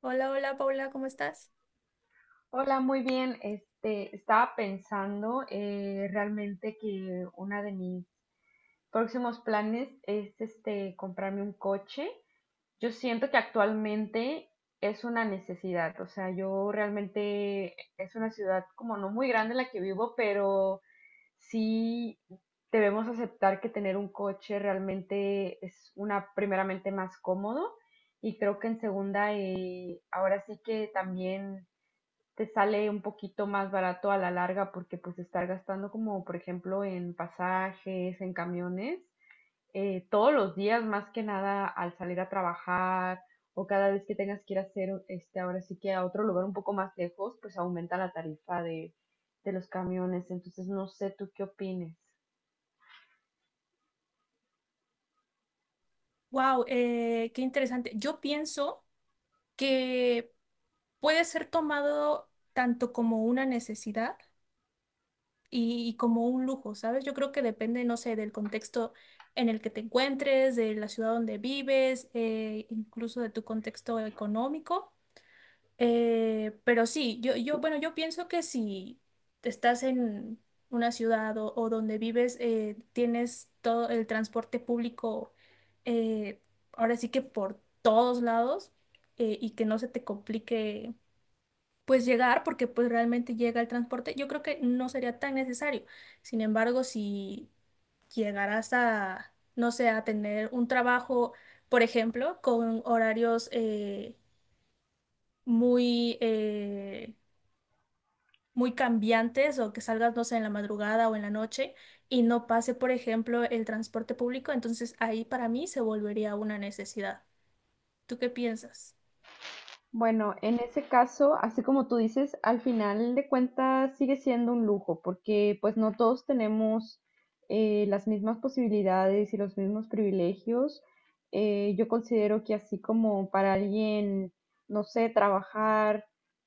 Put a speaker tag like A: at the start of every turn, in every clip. A: Hola, hola Paula, ¿cómo estás?
B: Hola, muy bien. Estaba pensando realmente que uno de mis próximos planes es comprarme un coche. Yo siento que actualmente es una necesidad. O sea, yo realmente es una ciudad como no muy grande la que vivo, pero sí debemos aceptar que tener un coche realmente es una primeramente más cómodo y creo que en segunda ahora sí que también te sale un poquito más barato a la larga porque pues estar gastando como por ejemplo en pasajes, en camiones, todos los días más que nada al salir a trabajar o cada vez que tengas que ir a hacer ahora sí que a otro lugar un poco más lejos, pues aumenta la tarifa de los camiones. Entonces no sé tú qué opines.
A: Wow, qué interesante. Yo pienso que puede ser tomado tanto como una necesidad y como un lujo, ¿sabes? Yo creo que depende, no sé, del contexto en el que te encuentres, de la ciudad donde vives, incluso de tu contexto económico. Pero sí, bueno, yo pienso que si estás en una ciudad o donde vives, tienes todo el transporte público, eh, ahora sí que por todos lados, y que no se te complique pues llegar, porque pues realmente llega el transporte, yo creo que no sería tan necesario. Sin embargo, si llegarás a, no sé, a tener un trabajo, por ejemplo, con horarios muy... eh, muy cambiantes o que salgas, no sé, en la madrugada o en la noche y no pase, por ejemplo, el transporte público, entonces ahí para mí se volvería una necesidad. ¿Tú qué piensas?
B: Bueno, en ese caso, así como tú dices, al final de cuentas sigue siendo un lujo, porque pues no todos tenemos las mismas posibilidades y los mismos privilegios. Yo considero que así como para alguien, no sé, trabajar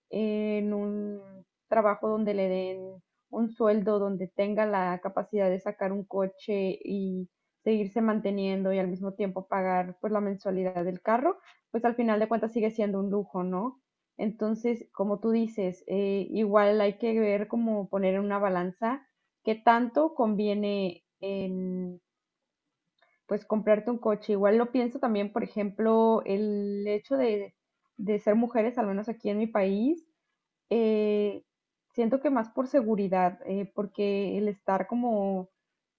B: en un trabajo donde le den un sueldo, donde tenga la capacidad de sacar un coche y seguirse manteniendo y al mismo tiempo pagar pues la mensualidad del carro pues al final de cuentas sigue siendo un lujo, ¿no? Entonces, como tú dices, igual hay que ver cómo poner en una balanza qué tanto conviene en, pues comprarte un coche. Igual lo pienso también, por ejemplo, el hecho de ser mujeres, al menos aquí en mi país, eh, siento que más por seguridad, porque el estar como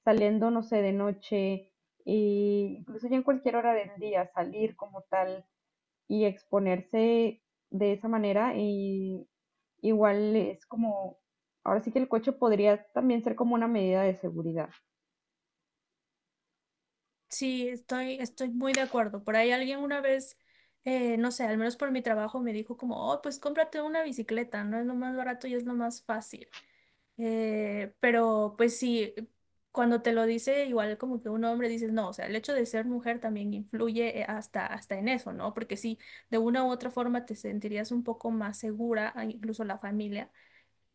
B: saliendo, no sé, de noche, e incluso ya en cualquier hora del día, salir como tal, y exponerse de esa manera y igual es como, ahora sí que el coche podría también ser como una medida de seguridad.
A: Sí, estoy muy de acuerdo. Por ahí alguien una vez, no sé, al menos por mi trabajo, me dijo como, oh, pues cómprate una bicicleta, no es lo más barato y es lo más fácil. Pero pues sí, cuando te lo dice igual como que un hombre dices, no, o sea, el hecho de ser mujer también influye hasta en eso, ¿no? Porque sí, de una u otra forma te sentirías un poco más segura, a incluso la familia,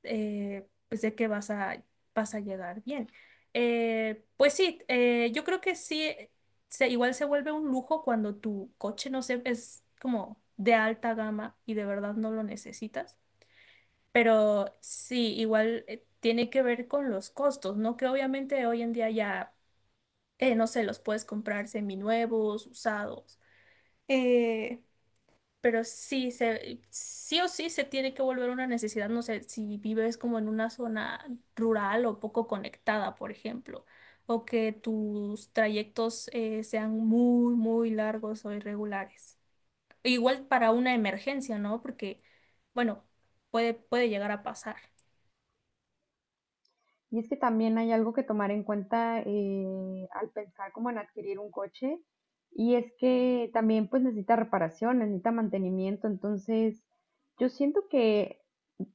A: pues de que vas a llegar bien. Pues sí, yo creo que sí, igual se vuelve un lujo cuando tu coche, no sé, es como de alta gama y de verdad no lo necesitas pero sí, igual tiene que ver con los costos, ¿no? Que obviamente hoy en día ya, no sé, los puedes comprar seminuevos, usados. Eh, pero sí, sí o sí se tiene que volver una necesidad, no sé, si vives como en una zona rural o poco conectada, por ejemplo, o que tus trayectos sean muy, muy largos o irregulares. Igual para una emergencia, ¿no? Porque, bueno, puede llegar a pasar.
B: Y es que también hay algo que tomar en cuenta al pensar como en adquirir un coche, y es que también pues necesita reparación, necesita mantenimiento, entonces yo siento que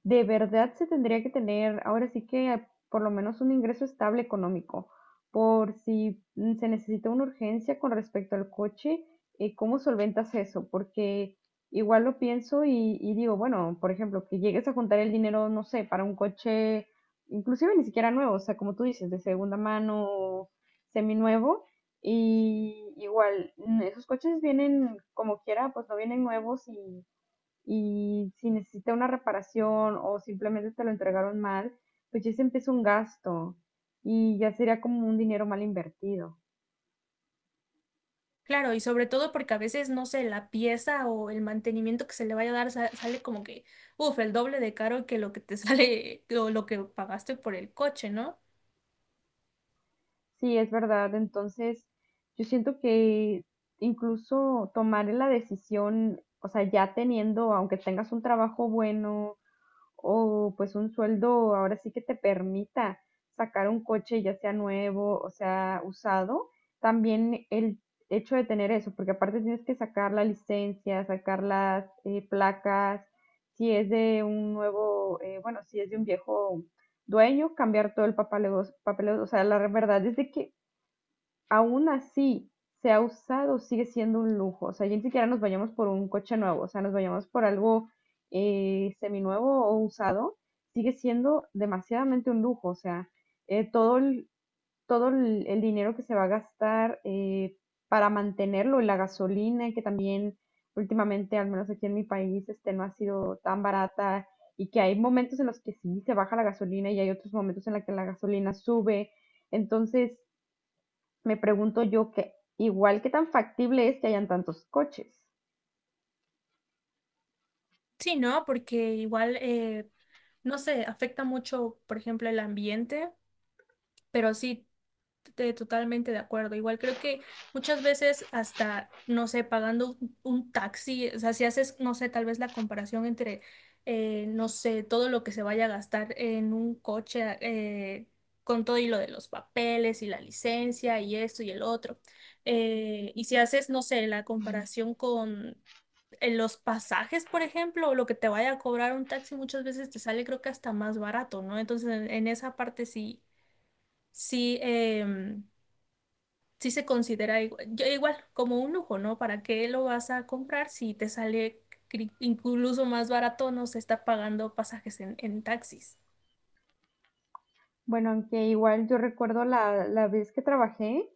B: de verdad se tendría que tener ahora sí que por lo menos un ingreso estable económico, por si se necesita una urgencia con respecto al coche, ¿cómo solventas eso? Porque igual lo pienso y digo, bueno, por ejemplo, que llegues a juntar el dinero, no sé, para un coche inclusive ni siquiera nuevo, o sea, como tú dices, de segunda mano, seminuevo, y igual, esos coches vienen como quiera, pues no vienen nuevos y si necesita una reparación o simplemente te lo entregaron mal, pues ya se empieza un gasto y ya sería como un dinero mal invertido.
A: Claro, y sobre todo porque a veces, no sé, la pieza o el mantenimiento que se le vaya a dar sale como que, uff, el doble de caro que lo que te sale o lo que pagaste por el coche, ¿no?
B: Sí, es verdad, entonces yo siento que incluso tomar la decisión, o sea, ya teniendo, aunque tengas un trabajo bueno, o pues un sueldo ahora sí que te permita sacar un coche ya sea nuevo o sea usado, también el hecho de tener eso, porque aparte tienes que sacar la licencia, sacar las placas, si es de un nuevo, bueno, si es de un viejo dueño, cambiar todo el papeleo, papeleo, o sea, la verdad es de que aún así sea usado, sigue siendo un lujo. O sea, ya ni siquiera nos vayamos por un coche nuevo, o sea, nos vayamos por algo seminuevo o usado, sigue siendo demasiadamente un lujo. O sea, eh, todo, el, todo el dinero que se va a gastar para mantenerlo, la gasolina, que también últimamente, al menos aquí en mi país, no ha sido tan barata y que hay momentos en los que sí se baja la gasolina y hay otros momentos en los que la gasolina sube. Entonces, me pregunto yo que igual qué tan factible es que hayan tantos coches.
A: Sí, ¿no? Porque igual, no sé, afecta mucho, por ejemplo, el ambiente, pero sí, totalmente de acuerdo. Igual creo que muchas veces hasta, no sé, pagando un taxi, o sea, si haces, no sé, tal vez la comparación entre, no sé, todo lo que se vaya a gastar en un coche, con todo y lo de los papeles y la licencia y esto y el otro. Y si haces, no sé, la comparación con los pasajes, por ejemplo, o lo que te vaya a cobrar un taxi muchas veces te sale creo que hasta más barato, ¿no? Entonces en esa parte sí, sí, sí se considera igual como un lujo, ¿no? ¿Para qué lo vas a comprar si te sale incluso más barato? No se está pagando pasajes en taxis.
B: Bueno, aunque igual yo recuerdo la vez que trabajé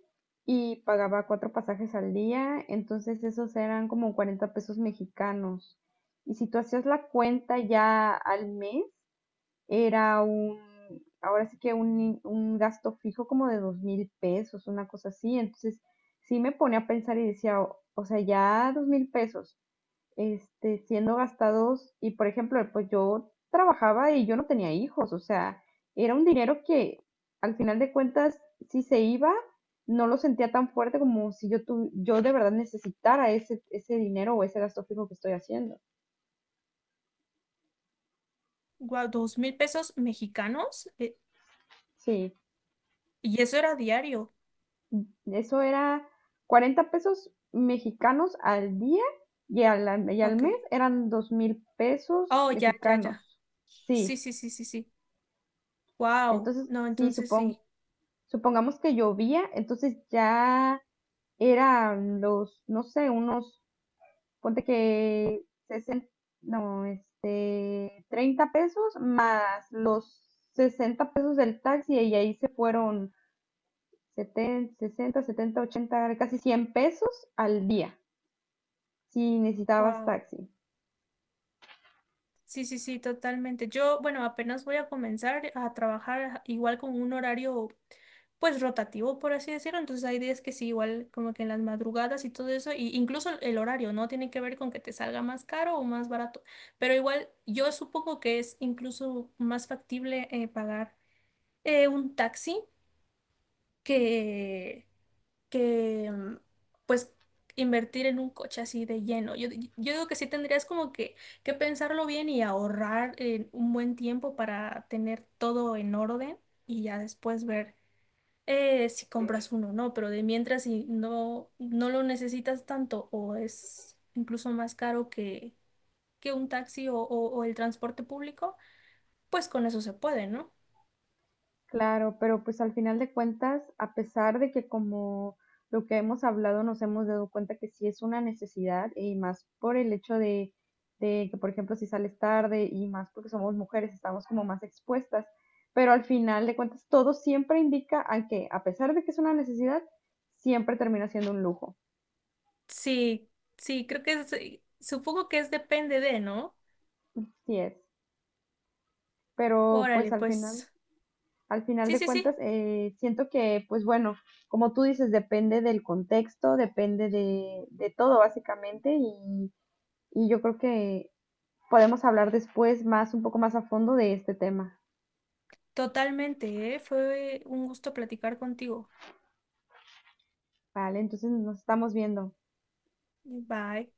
B: y pagaba cuatro pasajes al día, entonces esos eran como 40 pesos mexicanos. Y si tú hacías la cuenta ya al mes, era ahora sí que un gasto fijo como de 2,000 pesos, una cosa así. Entonces sí me ponía a pensar y decía, o sea, ya 2,000 pesos siendo gastados y por ejemplo, pues yo trabajaba y yo no tenía hijos, o sea, era un dinero que al final de cuentas, si se iba, no lo sentía tan fuerte como si yo de verdad necesitara ese dinero o ese gasto fijo que estoy haciendo.
A: Guau, 2000 pesos mexicanos.
B: Sí,
A: Y eso era diario.
B: eso era 40 pesos mexicanos al día y al
A: Ok.
B: mes eran 2,000 pesos
A: Oh, ya, ya, ya.
B: mexicanos. Sí,
A: Sí, sí, sí, sí, sí. Wow.
B: entonces
A: No,
B: sí,
A: entonces
B: supongo.
A: sí.
B: Supongamos que llovía, entonces ya eran los, no sé, unos, ponte que 60, no, 30 pesos más los 60 pesos del taxi y ahí se fueron 70, 60, 70, 80 casi 100 pesos al día si necesitabas
A: Wow.
B: taxi.
A: Sí, sí, sí, totalmente. Yo, bueno, apenas voy a comenzar a trabajar igual con un horario, pues rotativo, por así decirlo. Entonces hay días que sí, igual como que en las madrugadas y todo eso, y incluso el horario, ¿no? Tiene que ver con que te salga más caro o más barato. Pero igual yo supongo que es incluso más factible pagar un taxi que, que pues invertir en un coche así de lleno. Yo, yo digo que sí tendrías como que pensarlo bien y ahorrar un buen tiempo para tener todo en orden y ya después ver si compras uno o no, pero de mientras si no, no lo necesitas tanto o es incluso más caro que un taxi o el transporte público, pues con eso se puede, ¿no?
B: Claro, pero pues al final de cuentas, a pesar de que como lo que hemos hablado nos hemos dado cuenta que sí es una necesidad y más por el hecho de, que, por ejemplo, si sales tarde y más porque somos mujeres, estamos como más expuestas, pero al final de cuentas todo siempre indica a que a pesar de que es una necesidad, siempre termina siendo un lujo.
A: Sí, sí, creo que supongo que es depende de, ¿no?
B: Sí es, pero
A: Órale,
B: pues al final.
A: pues.
B: Al final
A: Sí,
B: de
A: sí,
B: cuentas,
A: sí,
B: siento que, pues bueno, como tú dices, depende del contexto, depende de todo básicamente y yo creo que podemos hablar después más, un poco más a fondo de este tema,
A: totalmente, ¿eh? Fue un gusto platicar contigo.
B: ¿vale? Entonces nos estamos viendo.
A: Bye.